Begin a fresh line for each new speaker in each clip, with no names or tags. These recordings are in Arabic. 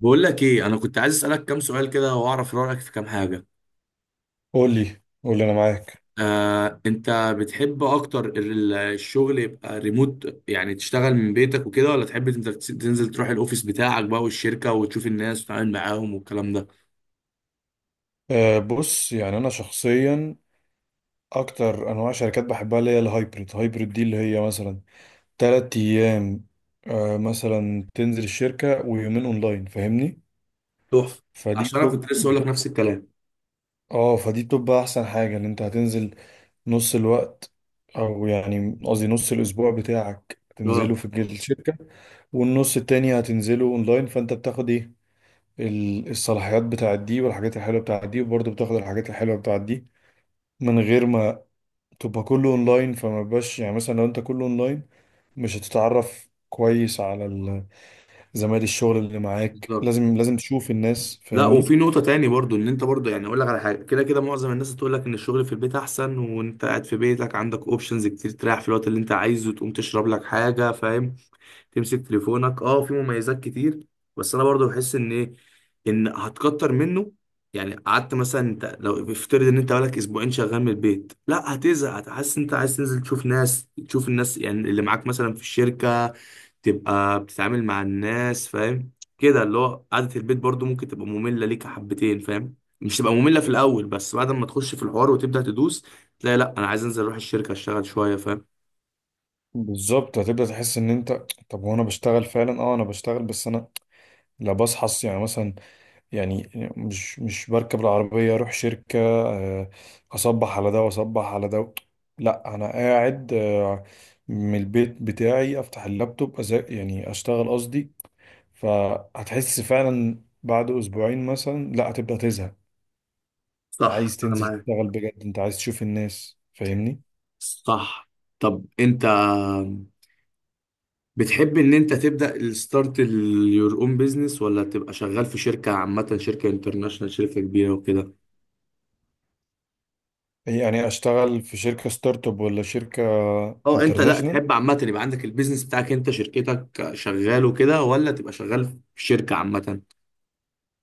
بقول لك ايه، انا كنت عايز اسالك كام سؤال كده واعرف رايك في كام حاجه.
قول لي، قول لي، انا معاك.
آه، انت بتحب اكتر الشغل يبقى ريموت، يعني تشتغل من بيتك وكده، ولا تحب انت تنزل تروح الاوفيس بتاعك بقى والشركه وتشوف الناس وتتعامل معاهم والكلام ده؟
بص يعني انا شخصيا اكتر انواع شركات بحبها اللي هي الهايبريد دي اللي هي مثلا 3 ايام. مثلا تنزل الشركة ويومين اونلاين، فاهمني؟
تحفه،
فدي
عشان انا كنت لسه اقول لك نفس الكلام.
اه فدي بتبقى احسن حاجة ان انت هتنزل نص الوقت، او يعني قصدي نص الاسبوع بتاعك
اه،
تنزله في الشركة، والنص التاني هتنزله اونلاين. فانت بتاخد ايه الصلاحيات بتاعت دي والحاجات الحلوه بتاعت دي، وبرضه بتاخد الحاجات الحلوه بتاعت دي من غير ما تبقى كله اونلاين. فما بقاش يعني مثلا لو انت كله اونلاين مش هتتعرف كويس على زمايل الشغل اللي معاك.
بالظبط.
لازم لازم تشوف الناس،
لا،
فاهمني؟
وفي نقطه تاني برضو، ان انت برضو يعني اقول لك على حاجه، كده كده معظم الناس تقول لك ان الشغل في البيت احسن، وانت قاعد في بيتك عندك اوبشنز كتير، تريح في الوقت اللي انت عايزه، تقوم تشرب لك حاجه، فاهم؟ تمسك تليفونك، اه في مميزات كتير. بس انا برضو بحس ان ايه، ان هتكتر منه. يعني قعدت مثلا، انت لو افترض ان انت بقالك اسبوعين شغال من البيت، لا هتزهق، هتحس انت عايز تنزل تشوف ناس، تشوف الناس يعني اللي معاك مثلا في الشركة، تبقى بتتعامل مع الناس، فاهم كده؟ اللي هو قعدة البيت برضو ممكن تبقى مملة ليك حبتين، فاهم؟ مش تبقى مملة في الاول، بس بعد ما تخش في الحوار وتبدأ تدوس، تلاقي لا انا عايز انزل اروح الشركة اشتغل شوية، فاهم؟
بالظبط هتبدأ تحس ان انت طب هو انا بشتغل فعلا. اه انا بشتغل بس انا لا، بصحى يعني مثلا، يعني مش بركب العربية اروح شركة. اصبح على ده واصبح على ده. لا، انا قاعد من البيت بتاعي افتح اللابتوب، يعني اشتغل قصدي. فهتحس فعلا بعد اسبوعين مثلا لا هتبدأ تزهق. انت
صح،
عايز
انا
تنزل
معاك.
تشتغل بجد، انت عايز تشوف الناس، فاهمني؟
صح. طب انت بتحب ان انت تبدأ الستارت يور اون بيزنس، ولا تبقى شغال في شركة عامة، شركة انترناشونال، شركة كبيرة وكده؟
يعني اشتغل في شركة ستارت اب ولا شركة
اه انت لا
انترناشونال؟
تحب عامة، يبقى عندك البيزنس بتاعك انت، شركتك شغال وكده، ولا تبقى شغال في شركة عامة؟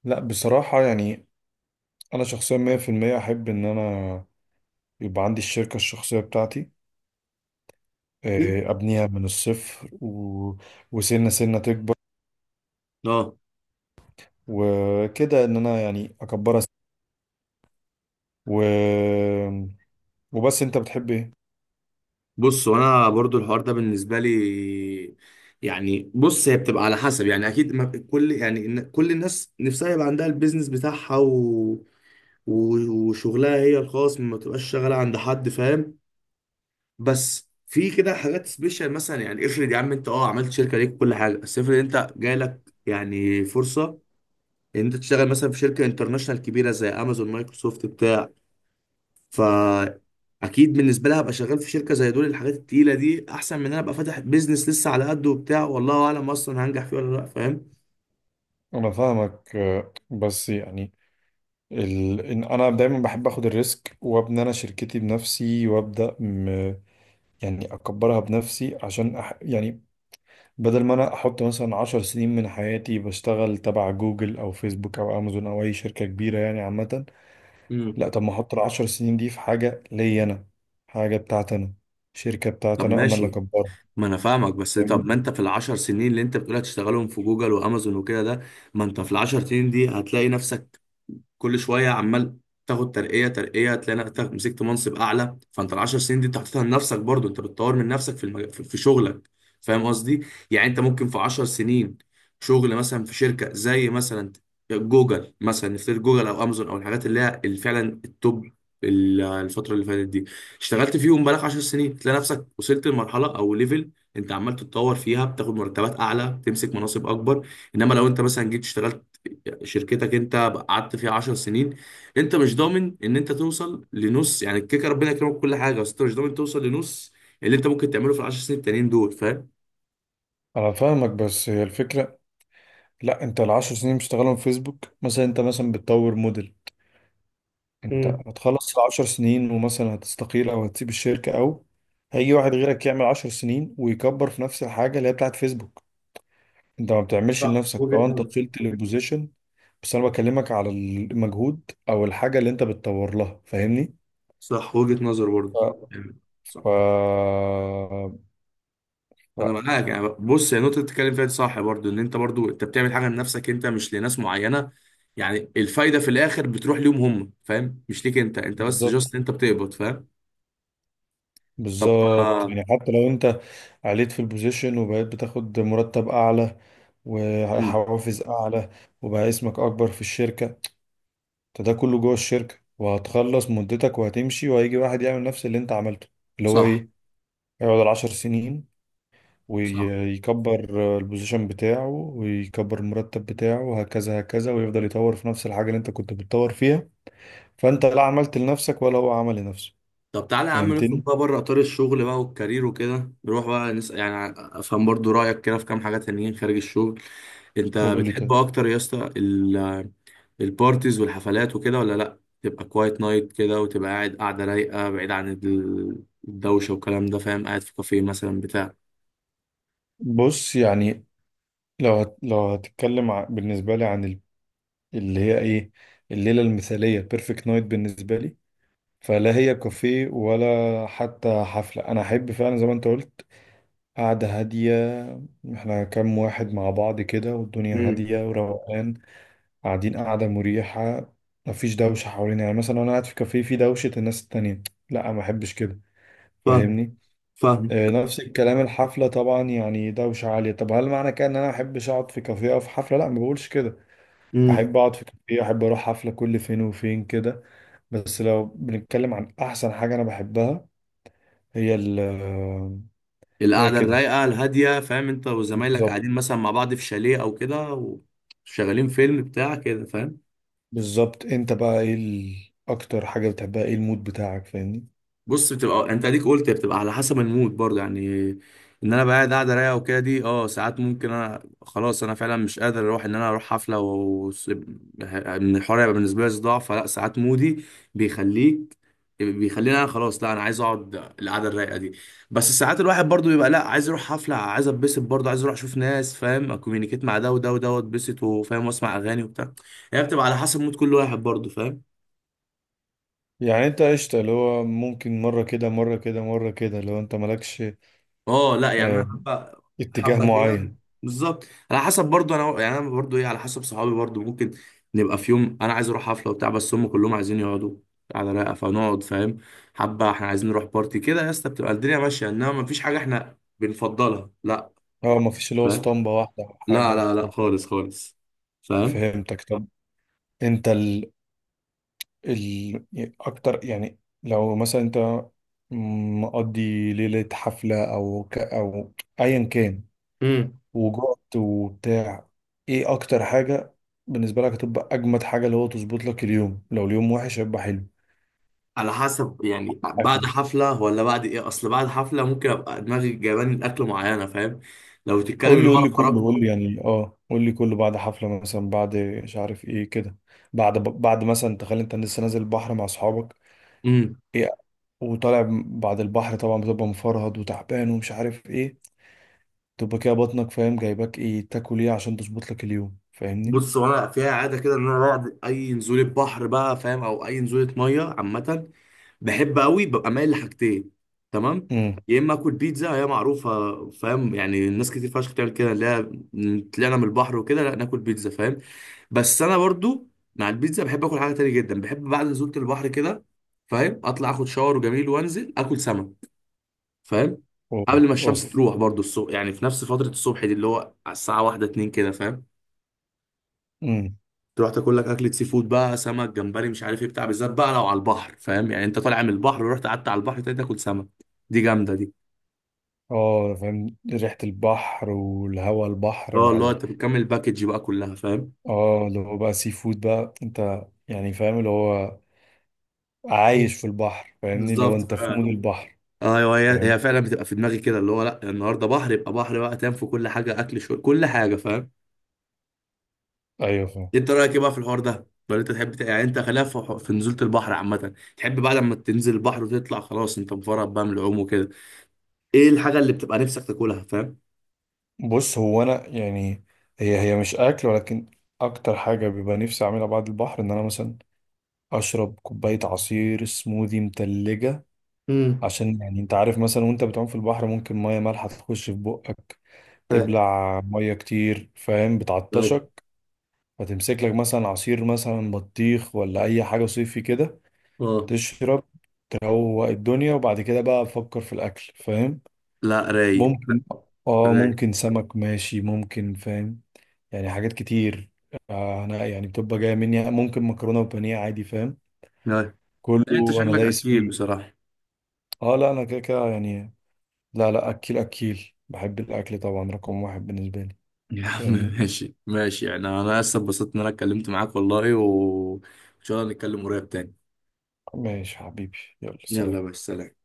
لا بصراحة يعني انا شخصيا 100% احب ان انا يبقى عندي الشركة الشخصية بتاعتي.
أكيد.
ابنيها من الصفر وسنة سنة تكبر
اه،
وكده. ان انا يعني اكبرها و... وبس، انت بتحب ايه؟
بص وانا برضو الحوار ده بالنسبه لي، يعني بص هي بتبقى على حسب، يعني اكيد ما كل يعني كل الناس نفسها يبقى عندها البيزنس بتاعها، وشغلها هي الخاص، ما تبقاش شغاله عند حد، فاهم؟ بس في كده حاجات سبيشال مثلا، يعني افرض يا عم انت اه عملت شركه ليك كل حاجه، بس افرض انت جاي لك يعني فرصه ان انت تشتغل مثلا في شركه انترناشونال كبيره زي امازون، مايكروسوفت، بتاع. فا اكيد بالنسبه لها ابقى شغال في شركه زي دول، الحاجات التقيله دي احسن من ان انا ابقى فاتح بيزنس لسه على قده وبتاع، والله اعلم اصلا هنجح فيه ولا لا، فاهم؟
انا فاهمك. بس يعني إن انا دايما بحب اخد الريسك وابني انا شركتي بنفسي، يعني اكبرها بنفسي عشان يعني بدل ما انا احط مثلا 10 سنين من حياتي بشتغل تبع جوجل او فيسبوك او امازون او اي شركة كبيرة يعني عامة.
امم.
لا، طب ما احط العشر سنين دي في حاجة ليا انا، حاجة بتاعت انا، شركة بتاعت
طب
انا، انا اللي
ماشي،
اكبرها،
ما انا فاهمك، بس طب
فاهمني؟
ما انت في العشر سنين اللي انت بتقول هتشتغلهم في جوجل وامازون وكده ده، ما انت في العشر سنين دي هتلاقي نفسك كل شويه عمال تاخد ترقيه ترقيه، تلاقي نفسك مسكت منصب اعلى، فانت العشر سنين دي انت حاططها لنفسك برضو، انت بتطور من نفسك في المج... في في شغلك، فاهم قصدي؟ يعني انت ممكن في عشر سنين شغل مثلا في شركه زي مثلا جوجل، مثلا نفترض جوجل او امازون، او الحاجات اللي هي اللي فعلا التوب الفتره اللي فاتت دي، اشتغلت فيهم بقالك 10 سنين، تلاقي نفسك وصلت لمرحله او ليفل انت عمال تتطور فيها، بتاخد مرتبات اعلى، بتمسك مناصب اكبر. انما لو انت مثلا جيت اشتغلت شركتك انت، قعدت فيها 10 سنين، انت مش ضامن ان انت توصل لنص يعني الكيكه، ربنا يكرمك كل حاجه، بس انت مش ضامن توصل لنص اللي انت ممكن تعمله في العشر سنين التانيين دول، فاهم؟
انا فاهمك بس هي الفكرة. لا، انت العشر سنين بتشتغلهم في فيسبوك مثلا، انت مثلا بتطور موديل. انت
امم.
هتخلص العشر سنين ومثلا هتستقيل او هتسيب الشركة، او هيجي واحد غيرك يعمل 10 سنين ويكبر في نفس الحاجة اللي هي بتاعت فيسبوك. انت ما بتعملش
صح،
لنفسك.
وجهة
اه انت
نظر.
وصلت للبوزيشن، بس انا بكلمك على المجهود او الحاجة اللي انت بتطور لها، فاهمني؟
صح، وجهة نظر برضه.
ف...
أمم. صح.
ف...
انا
ف...
معاك، يعني بص هي النقطه اللي بتتكلم فيها دي صح برضه، ان انت برضه انت بتعمل حاجه لنفسك انت، مش لناس معينه، يعني الفايده في الاخر بتروح ليهم هم، فاهم؟ مش ليك انت، انت بس
بالظبط،
جاست انت بتقبض، فاهم؟ طب
بالظبط،
آه.
يعني حتى لو انت عليت في البوزيشن وبقيت بتاخد مرتب اعلى
مم.
وحوافز اعلى وبقى اسمك اكبر في الشركة، انت ده كله جوه الشركة. وهتخلص مدتك وهتمشي، وهيجي واحد يعمل نفس اللي انت عملته. اللي هو
صح.
ايه؟ يقعد العشر سنين
صح.
ويكبر البوزيشن بتاعه ويكبر المرتب بتاعه، وهكذا هكذا، ويفضل يطور في نفس الحاجة اللي انت كنت بتطور فيها. فانت لا عملت لنفسك ولا هو عمل لنفسه.
طب تعالى يا عم نخرج
فهمتني؟
بقى بره اطار الشغل بقى والكارير وكده، نروح بقى نسأل يعني افهم برضو رايك كده في كام حاجه تانيين خارج الشغل. انت
قول لي
بتحب
طيب.
اكتر يا اسطى البارتيز والحفلات وكده، ولا لا تبقى كوايت نايت كده، وتبقى قاعد، قاعده رايقه بعيد عن الدوشه والكلام ده، فاهم؟ قاعد في كافيه مثلا بتاع.
بص يعني لو هتتكلم بالنسبة لي عن اللي هي ايه، الليلة المثالية، بيرفكت نايت بالنسبة لي، فلا هي كافيه ولا حتى حفلة. أنا أحب فعلا زي ما أنت قلت قعدة هادية، إحنا كام واحد مع بعض كده والدنيا
امم.
هادية وروقان، قاعدين قعدة مريحة، مفيش دوشة حوالينا. يعني مثلا أنا قاعد في كافيه في دوشة الناس التانية، لا ما أحبش كده،
فاهم.
فاهمني؟
فاهم.
نفس الكلام الحفلة، طبعا يعني دوشة عالية. طب هل معنى كده إن أنا ما أحبش أقعد في كافيه أو في حفلة؟ لا ما بقولش كده.
امم.
أحب أقعد في كافيه، أحب أروح حفلة كل فين وفين كده. بس لو بنتكلم عن أحسن حاجة أنا بحبها، هي هي
القعده
كده،
الرايقه الهاديه، فاهم، انت وزمايلك
بالظبط.
قاعدين مثلا مع بعض في شاليه او كده، وشغالين فيلم بتاع كده، فاهم؟
بالظبط. انت بقى ايه اكتر حاجة بتحبها؟ ايه المود بتاعك، فاهمني؟
بص بتبقى آه، انت اديك قلت بتبقى على حسب المود برضه، يعني ان انا بقى قاعد رايقه وكده دي، اه ساعات ممكن انا خلاص انا فعلا مش قادر اروح، ان انا اروح حفله و ان الحوار يبقى بالنسبه لي صداع، فلا ساعات مودي بيخليك، بيخليني انا خلاص لا انا عايز اقعد القعده الرايقه دي. بس ساعات الواحد برضه بيبقى لا عايز اروح حفله، عايز اتبسط برضه، عايز اروح اشوف ناس، فاهم، اكومينيكيت مع ده وده وده، واتبسط، وفاهم، واسمع اغاني وبتاع. هي بتبقى على حسب مود كل واحد برضه، فاهم؟
يعني انت قشطة، اللي هو ممكن مرة كده مرة كده مرة كده لو انت مالكش
اه لا، يعني انا
آه،
حبه
اتجاه
حبه كده،
معين.
بالظبط. على حسب برضو، انا يعني انا برضو ايه، على حسب صحابي برضو، ممكن نبقى في يوم انا عايز اروح حفله وبتاع، بس هم كلهم عايزين يقعدوا على رايقه، فنقعد، فاهم؟ حبه احنا عايزين نروح بارتي كده يا اسطى، بتبقى الدنيا ماشيه، انما مفيش حاجه احنا بنفضلها، لا.
اه مفيش اللي هو
فاهم؟
اسطمبة واحدة او
لا
حاجة
لا لا،
بتفضل.
خالص خالص. فاهم؟
فهمتك. طب انت ال... اكتر، يعني لو مثلا انت مقضي ليلة حفلة او ايا كان،
امم.
وجهد وبتاع، ايه اكتر حاجة بالنسبة لك هتبقى اجمد حاجة اللي هو تظبط لك اليوم؟ لو اليوم وحش هيبقى حلو.
على حسب، يعني بعد
اكله.
حفلة ولا بعد ايه؟ اصل بعد حفلة ممكن ابقى دماغي جايباني الاكل معينة، فاهم؟ لو تتكلم
قول
اللي
لي،
هو
قول
انا
لي كله،
خرجت.
قول لي يعني. اه قول لي كله. بعد حفلة مثلا، بعد مش عارف ايه كده، بعد مثلا تخيل انت لسه نازل البحر مع اصحابك،
مم.
ايه؟ وطالع بعد البحر طبعا بتبقى مفرهد وتعبان ومش عارف ايه. تبقى كده بطنك، فاهم، جايباك ايه تاكل ايه عشان تظبط لك اليوم، فاهمني؟
بص وانا فيها عاده كده، ان انا بعد اي نزوله بحر بقى، فاهم، او اي نزوله ميه عامه، بحب قوي، ببقى مايل لحاجتين، تمام؟
امم.
يا اما اكل بيتزا، هي معروفه، فاهم، يعني الناس كتير فشخ بتعمل كده، اللي هي طلعنا من البحر وكده، لا ناكل بيتزا، فاهم؟ بس انا برضو مع البيتزا بحب اكل حاجه تانية جدا، بحب بعد نزوله البحر كده، فاهم، اطلع اخد شاور وجميل، وانزل اكل سمك، فاهم؟
اوف.
قبل ما الشمس
اوف.
تروح برضو
امم.
الصبح، يعني في نفس فتره الصبح دي، اللي هو على الساعه واحدة اتنين كده، فاهم،
امم.
تروح تاكل لك اكله سي فود بقى، سمك، جمبري، مش عارف ايه، بتاع، بالذات بقى لو على البحر، فاهم، يعني انت طالع من البحر ورحت قعدت على البحر تاني تاكل سمك، دي جامده دي.
اه فاهم، ريحة البحر والهواء البحر
اه
مع
اللي هو انت بتكمل الباكج بقى كلها، فاهم؟
اه اللي هو بقى سي فود بقى. انت يعني فاهم اللي هو عايش في البحر، فاهمني؟ اللي هو
بالظبط
انت في مود
فعلا.
البحر.
ايوه، هي
فاهم.
هي فعلا بتبقى في دماغي كده، اللي هو لا النهارده بحر، يبقى بحر بقى، تنام في كل حاجه، اكل شويه، كل حاجه، فاهم؟
ايوه فاهم.
انت رايك ايه بقى في الحوار ده، ولا انت تحب يعني انت خلاف في نزوله البحر عامه؟ تحب بقى لما تنزل البحر وتطلع خلاص انت مفرط بقى من العوم وكده، ايه الحاجه اللي بتبقى نفسك تاكلها، فاهم؟
بص هو انا يعني هي مش اكل، ولكن اكتر حاجة بيبقى نفسي اعملها بعد البحر ان انا مثلا اشرب كوباية عصير سموذي متلجة.
امم.
عشان يعني انت عارف، مثلا وانت بتعوم في البحر ممكن مية مالحة تخش في بقك،
طيب.
تبلع مية كتير، فاهم،
طيب.
بتعطشك. فتمسك لك مثلا عصير مثلا بطيخ ولا اي حاجه صيفي كده.
اه
تشرب، تروق الدنيا، وبعد كده بقى فكر في الاكل، فاهم.
لا. رايق.
ممكن، اه
رايق.
ممكن سمك، ماشي، ممكن، فاهم. يعني حاجات كتير. انا يعني بتبقى جايه مني ممكن مكرونه وبانيه عادي، فاهم،
لا،
كله
انت
انا
شكلك
دايس
اكيل
فيه.
بصراحة.
اه لا انا كده كده يعني. لا لا، اكيل اكيل، بحب الاكل طبعا رقم واحد بالنسبه لي،
يا عم
فاهمني؟
ماشي، ماشي، يعني انا لسه اتبسطت ان انا اتكلمت معاك والله، وان شاء الله نتكلم قريب تاني.
ماشي حبيبي، يلا سلام.
يلا بس، سلام.